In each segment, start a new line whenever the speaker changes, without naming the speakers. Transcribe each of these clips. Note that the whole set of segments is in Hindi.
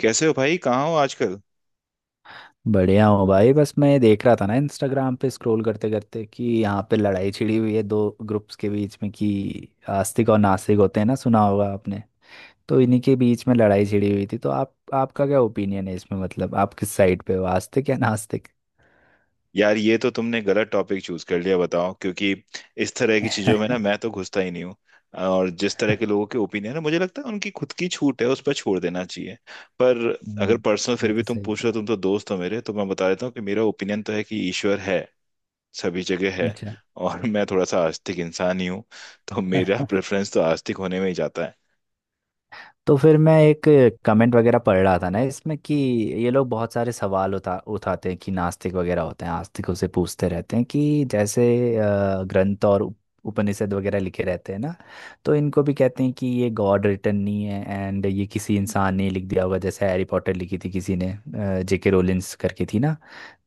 कैसे हो भाई? कहाँ हो आजकल?
बढ़िया हूँ भाई। बस मैं ये देख रहा था ना, इंस्टाग्राम पे स्क्रॉल करते करते कि यहाँ पे लड़ाई छिड़ी हुई है दो ग्रुप्स के बीच में कि आस्तिक और नास्तिक होते हैं ना, सुना होगा आपने। तो इन्हीं के बीच में लड़ाई छिड़ी हुई थी। तो आप आपका क्या ओपिनियन है इसमें? मतलब आप किस साइड पे हो, आस्तिक या नास्तिक?
यार ये तो तुमने गलत टॉपिक चूज कर लिया बताओ, क्योंकि इस तरह की चीजों में ना मैं तो घुसता ही नहीं हूँ। और जिस तरह के लोगों के ओपिनियन है मुझे लगता है उनकी खुद की छूट है, उस पर छोड़ देना चाहिए। पर अगर
हम्म,
पर्सनल फिर
ये
भी
तो
तुम
सही
पूछ रहे हो,
कहा।
तुम तो दोस्त हो मेरे, तो मैं बता देता हूँ कि मेरा ओपिनियन तो है कि ईश्वर है, सभी जगह है।
अच्छा।
और मैं थोड़ा सा आस्तिक इंसान ही हूँ, तो मेरा प्रेफरेंस तो आस्तिक होने में ही जाता है।
तो फिर मैं एक कमेंट वगैरह पढ़ रहा था ना इसमें कि ये लोग बहुत सारे सवाल उठा उठाते हैं। कि नास्तिक वगैरह होते हैं, आस्तिकों से पूछते रहते हैं कि जैसे ग्रंथ और उपनिषद वगैरह लिखे रहते हैं ना, तो इनको भी कहते हैं कि ये गॉड रिटन नहीं है एंड ये किसी इंसान ने लिख दिया होगा। जैसे हैरी पॉटर लिखी थी किसी ने, जेके रोलिंस करके थी ना।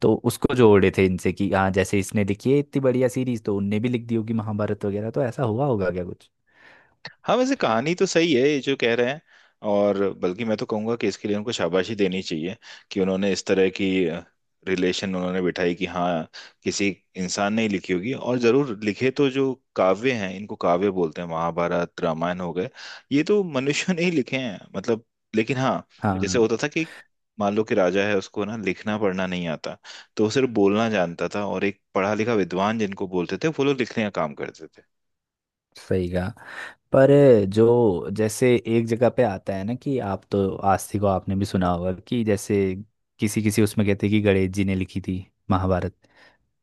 तो उसको जोड़े थे इनसे कि हाँ जैसे इसने लिखी है इतनी बढ़िया सीरीज, तो उनने भी लिख दी होगी महाभारत वगैरह। तो ऐसा हुआ होगा क्या कुछ?
हाँ, वैसे कहानी तो सही है ये जो कह रहे हैं, और बल्कि मैं तो कहूंगा कि इसके लिए उनको शाबाशी देनी चाहिए कि उन्होंने इस तरह की रिलेशन उन्होंने बिठाई कि हाँ, किसी इंसान ने ही लिखी होगी और जरूर लिखे। तो जो काव्य हैं इनको काव्य बोलते हैं, महाभारत रामायण हो गए। ये तो मनुष्य ने ही लिखे हैं, मतलब। लेकिन हाँ, जैसे
हाँ,
होता था कि मान लो कि राजा है उसको ना लिखना पढ़ना नहीं आता, तो वो सिर्फ बोलना जानता था और एक पढ़ा लिखा विद्वान जिनको बोलते थे वो लोग लिखने का काम करते थे।
सही कहा। पर जो जैसे एक जगह पे आता है ना कि आप तो आस्तिक, को आपने भी सुना होगा कि जैसे किसी किसी उसमें कहते हैं कि गणेश जी ने लिखी थी महाभारत,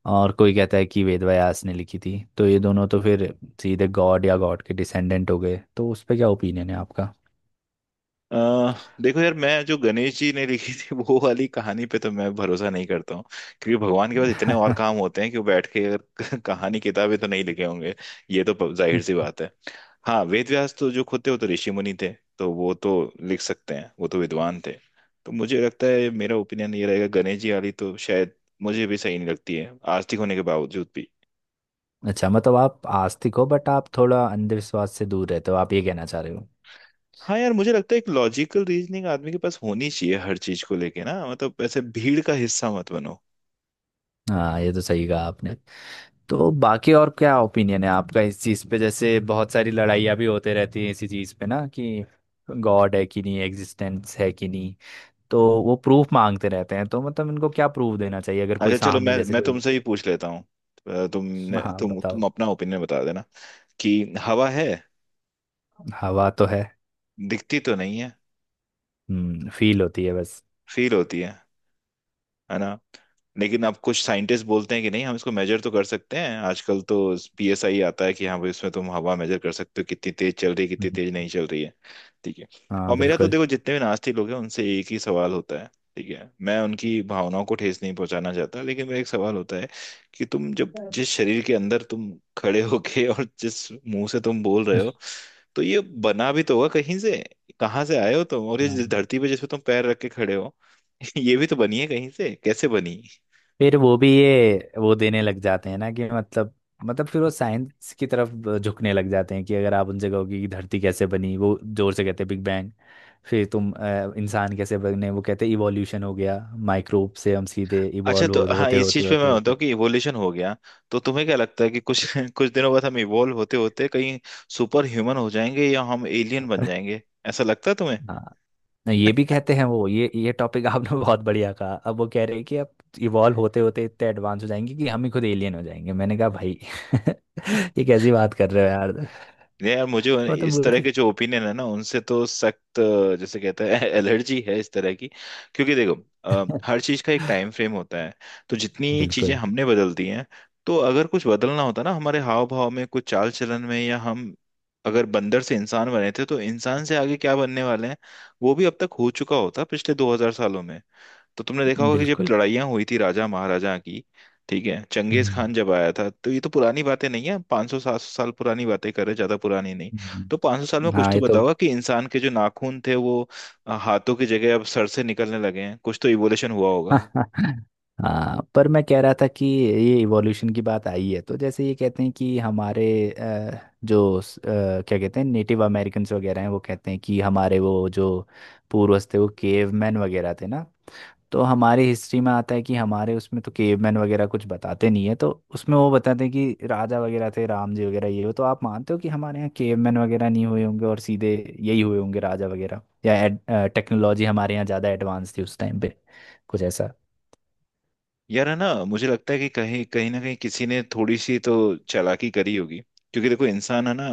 और कोई कहता है कि वेद व्यास ने लिखी थी। तो ये दोनों तो फिर सीधे गॉड या गॉड के डिसेंडेंट हो गए। तो उस पे क्या ओपिनियन है आपका?
अ, देखो यार, मैं जो गणेश जी ने लिखी थी वो वाली कहानी पे तो मैं भरोसा नहीं करता हूँ, क्योंकि भगवान के पास इतने और काम होते हैं कि वो बैठ के अगर कहानी किताबें तो नहीं लिखे होंगे। ये तो जाहिर सी बात है। हाँ, वेद व्यास तो जो खुद थे वो तो ऋषि मुनि थे, तो वो तो लिख सकते हैं, वो तो विद्वान थे। तो मुझे लगता है मेरा ओपिनियन ये रहेगा, गणेश जी वाली तो शायद मुझे भी सही नहीं लगती है आस्तिक होने के बावजूद भी।
अच्छा, मतलब आप आस्तिक हो बट आप थोड़ा अंधविश्वास से दूर रहते हो, आप ये कहना चाह रहे हो।
हाँ यार, मुझे लगता है एक लॉजिकल रीजनिंग आदमी के पास होनी चाहिए हर चीज को लेके, ना मतलब ऐसे भीड़ का हिस्सा मत बनो।
हाँ, ये तो सही कहा आपने। तो बाकी और क्या ओपिनियन है आपका इस चीज़ पे? जैसे बहुत सारी लड़ाइयाँ भी होते रहती हैं इसी चीज़ पे ना कि गॉड है कि नहीं, एग्जिस्टेंस है कि नहीं। तो वो प्रूफ मांगते रहते हैं। तो मतलब इनको क्या प्रूफ देना चाहिए अगर कोई
अच्छा चलो,
सामने
मैं
जैसे
मैं
कोई।
तुमसे ही पूछ लेता हूँ। तुमने
हाँ
तुम
बताओ।
अपना ओपिनियन बता देना कि हवा है।
हवा तो है।
दिखती तो नहीं है।
फील होती है बस।
फील होती है ना? लेकिन अब कुछ साइंटिस्ट बोलते हैं कि नहीं, हम इसको मेजर तो कर सकते हैं आजकल, तो पीएसआई आता है कि हाँ भाई इसमें तुम हवा मेजर कर सकते हो, कितनी तेज चल रही है, कितनी
हम्म।
तेज नहीं चल रही है। ठीक है।
हाँ
और मेरा तो
बिल्कुल।
देखो, जितने भी नास्तिक लोग हैं उनसे एक ही सवाल होता है। ठीक है, मैं उनकी भावनाओं को ठेस नहीं पहुंचाना चाहता, लेकिन मेरा एक सवाल होता है कि तुम जब जिस शरीर के अंदर तुम खड़े होके और जिस मुंह से तुम बोल रहे हो, तो ये बना भी तो होगा कहीं से, कहाँ से आए हो तुम? और ये जिस
हाँ।
धरती पे जिस पे तुम पैर रख के खड़े हो ये भी तो बनी है कहीं से, कैसे बनी?
फिर वो भी ये वो देने लग जाते हैं ना कि मतलब, मतलब फिर वो साइंस की तरफ झुकने लग जाते हैं कि अगर आप उनसे कहोगे कि धरती कैसे बनी, वो जोर से कहते हैं बिग। फिर तुम इंसान कैसे बने, वो कहते हैं इवोल्यूशन हो गया। माइक्रोब से हम सीधे
अच्छा तो हाँ,
होते
इस
होते
चीज पे
होते
मैं मानता
होते
हूँ कि इवोल्यूशन हो गया। तो तुम्हें क्या लगता है कि कुछ कुछ दिनों बाद हम इवोल्व होते होते कहीं सुपर ह्यूमन हो जाएंगे या हम एलियन बन जाएंगे? ऐसा लगता है तुम्हें?
हाँ, ये भी कहते हैं वो। ये टॉपिक आपने बहुत बढ़िया कहा। अब वो कह रहे हैं कि अब इवॉल्व होते होते इतने एडवांस हो जाएंगे कि हम ही खुद एलियन हो जाएंगे। मैंने कहा भाई ये कैसी बात कर रहे हो यार। तो
नहीं यार, मुझे
मतलब
इस तरह के
मुझे।
जो ओपिनियन है ना उनसे तो सख्त, जैसे कहते हैं, एलर्जी है इस तरह की। क्योंकि देखो, हर चीज का एक टाइम फ्रेम होता है। तो जितनी चीजें
बिल्कुल।
हमने बदल दी हैं, तो अगर कुछ बदलना होता ना हमारे हाव भाव में, कुछ चाल चलन में, या हम अगर बंदर से इंसान बने थे तो इंसान से आगे क्या बनने वाले हैं, वो भी अब तक हो चुका होता पिछले 2000 सालों में। तो तुमने देखा होगा कि जब
बिल्कुल।
लड़ाइयाँ हुई थी राजा महाराजा की, ठीक है, चंगेज
हम्म।
खान जब आया था, तो ये तो पुरानी बातें नहीं है, 500 सौ 700 साल पुरानी बातें कर रहे हैं, ज्यादा पुरानी नहीं। तो 500 साल में
हम्म।
कुछ
हाँ,
तो
ये
बदला
तो।
होगा कि इंसान के जो नाखून थे वो हाथों की जगह अब सर से निकलने लगे हैं, कुछ तो इवोल्यूशन हुआ।
हाँ, पर मैं कह रहा था कि ये इवोल्यूशन की बात आई है तो जैसे ये कहते हैं कि हमारे जो क्या कहते हैं, नेटिव अमेरिकन्स वगैरह हैं, वो कहते हैं कि हमारे वो जो पूर्वज थे वो केवमैन वगैरह थे ना। तो हमारी हिस्ट्री में आता है कि हमारे उसमें तो केवमैन वगैरह कुछ बताते नहीं है। तो उसमें वो बताते हैं कि राजा वगैरह थे, राम जी वगैरह ये हो। तो आप मानते हो कि हमारे यहाँ केवमैन वगैरह नहीं हुए होंगे और सीधे यही हुए होंगे राजा वगैरह, या टेक्नोलॉजी हमारे यहाँ ज़्यादा एडवांस थी उस टाइम पे, कुछ ऐसा?
यार, है ना, मुझे लगता है कि कहीं कहीं ना कहीं किसी ने थोड़ी सी तो चालाकी करी होगी, क्योंकि देखो इंसान है ना,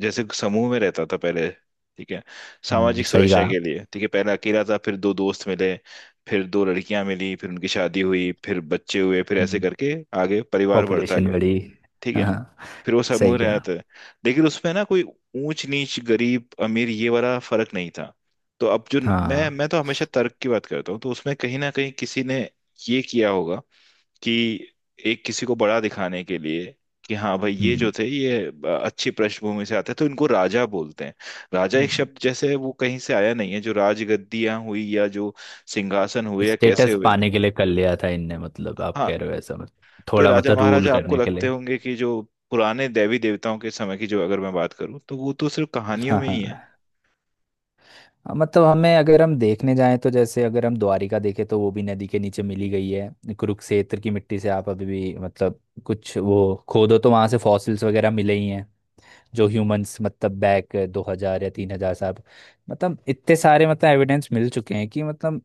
जैसे समूह में रहता था पहले। ठीक है, सामाजिक
सही
सुरक्षा
कहा।
के लिए। ठीक है, पहले अकेला था, फिर दो दोस्त मिले, फिर दो लड़कियां मिली, फिर उनकी शादी हुई, फिर बच्चे हुए, फिर ऐसे करके आगे परिवार बढ़ता
पॉपुलेशन
गया।
बड़ी।
ठीक है,
हाँ,
फिर वो समूह
सही कहा।
रहता है, लेकिन उसमें ना कोई ऊंच नीच, गरीब अमीर, ये वाला फर्क नहीं था। तो अब जो, मैं
हाँ।
मैं तो हमेशा तर्क की बात करता हूँ, तो उसमें कहीं ना कहीं किसी ने ये किया होगा कि एक किसी को बड़ा दिखाने के लिए कि हाँ भाई ये जो थे ये अच्छी पृष्ठभूमि से आते हैं, तो इनको राजा बोलते हैं। राजा एक शब्द, जैसे वो कहीं से आया नहीं है, जो राजगद्दियां हुई या जो सिंहासन हुए या कैसे
स्टेटस
हुए।
पाने के लिए कर लिया था इनने, मतलब आप
हाँ,
कह रहे हो ऐसा? मतलब
तो ये
थोड़ा
राजा
मतलब रूल
महाराजा आपको
करने के
लगते
लिए?
होंगे कि जो पुराने देवी देवताओं के समय की, जो अगर मैं बात करूँ तो वो तो सिर्फ कहानियों
हाँ।
में ही है।
हाँ। हाँ, मतलब हमें अगर हम देखने जाएं तो जैसे अगर हम द्वारिका देखें तो वो भी नदी के नीचे मिली गई है। कुरुक्षेत्र की मिट्टी से आप अभी भी मतलब कुछ वो खोदो तो वहां से फॉसिल्स वगैरह मिले ही हैं, जो ह्यूमंस मतलब बैक 2000 या 3000 साल। मतलब इतने सारे मतलब एविडेंस मिल चुके हैं कि मतलब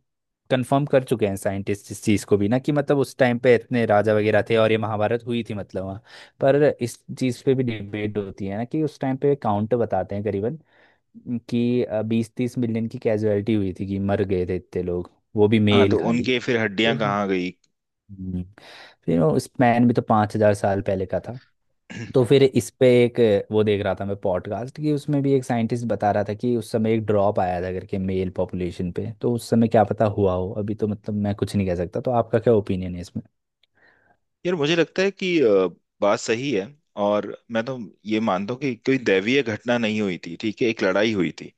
कंफर्म कर चुके हैं साइंटिस्ट इस चीज़ को भी ना, कि मतलब उस टाइम पे इतने राजा वगैरह थे और ये महाभारत हुई थी, मतलब वहाँ। पर इस चीज़ पे भी डिबेट होती है ना कि उस टाइम पे काउंट बताते हैं करीबन कि 20-30 मिलियन की कैजुअलिटी हुई थी, कि मर गए थे इतने लोग, वो भी
हाँ,
मेल
तो
खाली।
उनके फिर
तो-
हड्डियां कहाँ गई?
हम्म, फिर वो स्पैन भी तो 5000 साल पहले का था। तो फिर इस पे एक वो देख रहा था मैं पॉडकास्ट कि उसमें भी एक साइंटिस्ट बता रहा था कि उस समय एक ड्रॉप आया था करके मेल पॉपुलेशन पे। तो उस समय क्या पता हुआ हो, अभी तो मतलब मैं कुछ नहीं कह सकता। तो आपका क्या ओपिनियन है इसमें?
यार मुझे लगता है कि बात सही है, और मैं तो ये मानता हूँ कि कोई दैवीय घटना नहीं हुई थी, ठीक है, एक लड़ाई हुई थी।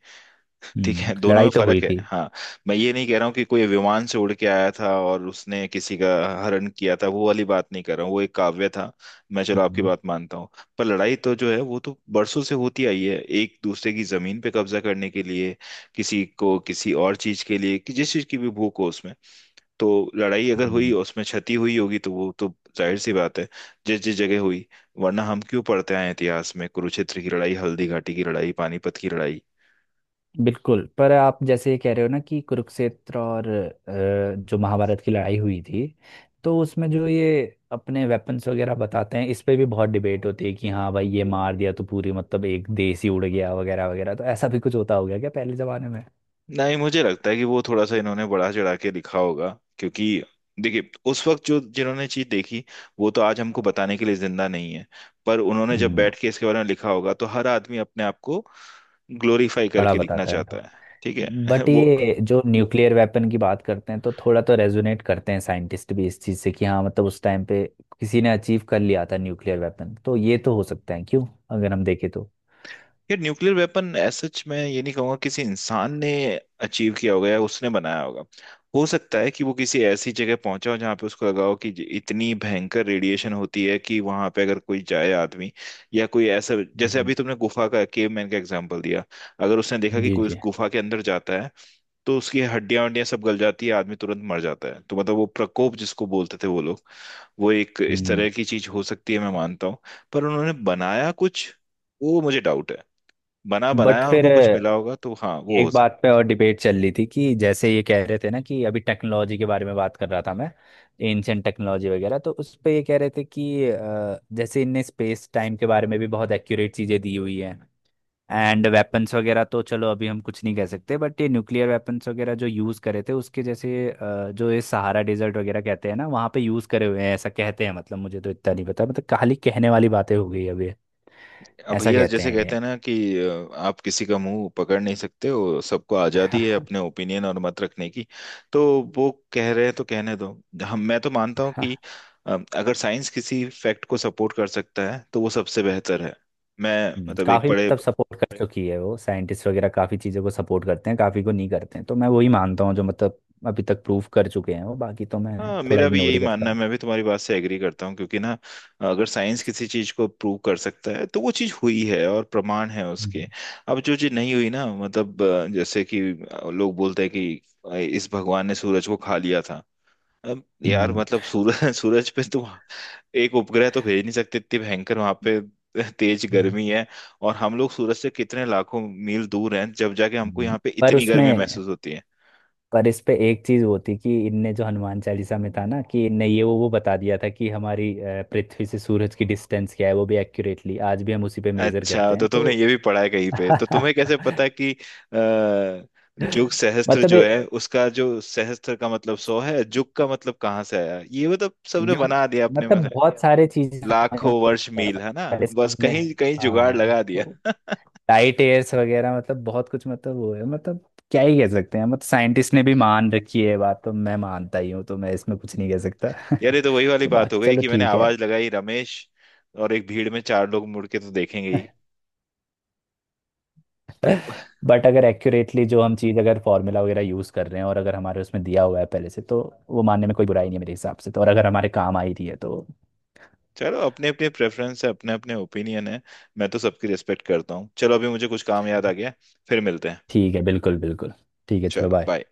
ठीक
हम्म,
है, दोनों में
लड़ाई तो हुई
फर्क है।
थी।
हाँ, मैं ये नहीं कह रहा हूँ कि कोई विमान से उड़ के आया था और उसने किसी का हरण किया था, वो वाली बात नहीं कर रहा हूँ, वो एक काव्य था, मैं चलो आपकी
हम्म।
बात मानता हूँ। पर लड़ाई तो जो है वो तो बरसों से होती आई है, एक दूसरे की जमीन पे कब्जा करने के लिए, किसी को किसी और चीज के लिए, कि जिस चीज की भी भूख हो उसमें। तो लड़ाई अगर हुई
हम्म।
और उसमें क्षति हुई होगी तो वो तो जाहिर सी बात है, जिस जिस जगह हुई। वरना हम क्यों पढ़ते आए हैं इतिहास में, कुरुक्षेत्र की लड़ाई, हल्दी घाटी की लड़ाई, पानीपत की लड़ाई।
बिल्कुल, पर आप जैसे ये कह रहे हो ना कि कुरुक्षेत्र और जो महाभारत की लड़ाई हुई थी, तो उसमें जो ये अपने वेपन्स वगैरह बताते हैं, इस पे भी बहुत डिबेट होती है कि हाँ भाई ये मार दिया तो पूरी मतलब एक देश ही उड़ गया वगैरह वगैरह। तो ऐसा भी कुछ होता होगा क्या पहले जमाने में?
नहीं, मुझे लगता है कि वो थोड़ा सा इन्होंने बढ़ा चढ़ा के लिखा होगा, क्योंकि देखिए उस वक्त जो जिन्होंने चीज देखी, वो तो आज हमको बताने के लिए जिंदा नहीं है। पर उन्होंने जब
हम्म,
बैठ के इसके बारे में लिखा होगा तो हर आदमी अपने आप को ग्लोरीफाई
बड़ा
करके लिखना
बताता है
चाहता
थोड़ा।
है। ठीक है।
बट
वो,
ये जो न्यूक्लियर वेपन की बात करते हैं, तो थोड़ा तो रेजोनेट करते हैं साइंटिस्ट भी इस चीज़ से कि हाँ मतलब उस टाइम पे किसी ने अचीव कर लिया था न्यूक्लियर वेपन। तो ये तो हो सकता है क्यों, अगर हम देखें तो।
यार न्यूक्लियर वेपन सच, मैं ये नहीं कहूंगा किसी इंसान ने अचीव किया होगा या उसने बनाया होगा। हो सकता है कि वो किसी ऐसी जगह पहुंचा हो जहां पे उसको लगा हो कि इतनी भयंकर रेडिएशन होती है कि वहां पे अगर कोई जाए आदमी, या कोई ऐसा, जैसे
हम्म,
अभी तुमने गुफा का केवमैन का एग्जांपल दिया, अगर उसने देखा कि
जी
कोई उस
जी।
गुफा के अंदर जाता है तो उसकी हड्डियां वड्डियां सब गल जाती है, आदमी तुरंत मर जाता है, तो मतलब वो प्रकोप जिसको बोलते थे वो लोग, वो एक इस
हम्म।
तरह की चीज हो सकती है, मैं मानता हूँ। पर उन्होंने बनाया कुछ, वो मुझे डाउट है। बना
बट
बनाया
फिर
उनको कुछ मिला होगा, तो हाँ, वो हो
एक
सकता
बात पे और डिबेट चल रही थी कि जैसे ये कह रहे थे ना, कि अभी टेक्नोलॉजी के बारे में बात कर रहा था मैं, एंशियंट टेक्नोलॉजी वगैरह, तो उस पे ये कह रहे थे कि जैसे इनने स्पेस टाइम के बारे में भी बहुत एक्यूरेट चीज़ें दी हुई हैं एंड वेपन्स वगैरह। तो चलो अभी हम कुछ नहीं कह सकते। बट ये न्यूक्लियर वेपन्स वगैरह जो यूज़ करे थे उसके जैसे जो ये सहारा डेजर्ट वगैरह कहते हैं ना, वहाँ पे यूज़ करे हुए हैं ऐसा कहते हैं। मतलब मुझे तो इतना नहीं पता, मतलब खाली कहने वाली बातें हो गई अभी,
है। अब
ऐसा
भैया
कहते
जैसे
हैं
कहते
ये।
हैं ना कि आप किसी का मुंह पकड़ नहीं सकते हो, सबको आजादी है अपने ओपिनियन और मत रखने की। तो वो कह रहे हैं तो कहने दो। हम, मैं तो मानता हूँ कि अगर साइंस किसी फैक्ट को सपोर्ट कर सकता है तो वो सबसे बेहतर है। मैं मतलब एक
काफी
बड़े,
मतलब सपोर्ट कर चुकी है वो। साइंटिस्ट वगैरह काफी चीजों को सपोर्ट करते हैं, काफी को नहीं करते हैं। तो मैं वही मानता हूँ जो मतलब अभी तक प्रूफ कर चुके हैं वो, बाकी तो मैं
हाँ,
थोड़ा
मेरा भी
इग्नोर
यही
ही करता
मानना है,
हूँ।
मैं भी तुम्हारी बात से एग्री करता हूँ, क्योंकि ना अगर साइंस किसी चीज को प्रूव कर सकता है तो वो चीज हुई है और प्रमाण है उसके।
हम्म।
अब जो चीज नहीं हुई ना, मतलब, जैसे कि लोग बोलते हैं कि इस भगवान ने सूरज को खा लिया था। अब यार
हम्म।
मतलब सूरज, सूरज पे तुम एक उपग्रह तो भेज नहीं सकते, इतनी भयंकर वहां पे तेज गर्मी
हम्म।
है। और हम लोग सूरज से कितने लाखों मील दूर हैं, जब जाके हमको
हम्म।
यहाँ पे
पर
इतनी गर्मी
उसमें,
महसूस होती है।
पर इस पे एक चीज होती कि इनने जो हनुमान चालीसा में था ना कि इनने ये वो बता दिया था कि हमारी पृथ्वी से सूरज की डिस्टेंस क्या है, वो भी एक्यूरेटली, आज भी हम उसी पे मेजर
अच्छा,
करते
तो
हैं
तुमने
तो।
ये भी पढ़ा है कहीं पे? तो तुम्हें कैसे पता कि जुग सहस्त्र
मतलब
जो
ये-
है, उसका जो सहस्त्र का मतलब सौ है, जुग का मतलब कहाँ से आया? ये मतलब सबने
यो,
बना दिया अपने में
मतलब
से।
बहुत सारे चीजें
लाखों
हमारे पास
वर्ष मील, है ना,
पहले से
बस
हमने।
कहीं कहीं जुगाड़
हाँ
लगा
तो
दिया।
टाइट एयर्स वगैरह, मतलब बहुत कुछ, मतलब वो है, मतलब क्या ही कह सकते हैं, मतलब साइंटिस्ट ने भी मान रखी है ये बात तो मैं मानता ही हूँ, तो मैं इसमें कुछ नहीं कह सकता।
यार ये तो वही वाली
तो
बात हो
बाकी
गई
चलो
कि मैंने
ठीक है।
आवाज लगाई रमेश, और एक भीड़ में चार लोग मुड़ के तो देखेंगे ही। तो
बट अगर एक्यूरेटली जो हम चीज़ अगर फॉर्मूला वगैरह यूज़ कर रहे हैं और अगर हमारे उसमें दिया हुआ है पहले से, तो वो मानने में कोई बुराई नहीं है मेरे हिसाब से, तो। और अगर हमारे काम आई रही है तो।
चलो, अपने अपने प्रेफरेंस है, अपने अपने ओपिनियन है। मैं तो सबकी रिस्पेक्ट करता हूँ। चलो, अभी मुझे कुछ काम याद आ गया, फिर मिलते हैं।
ठीक है, बिल्कुल बिल्कुल। ठीक है, चलो
चलो,
बाय।
बाय।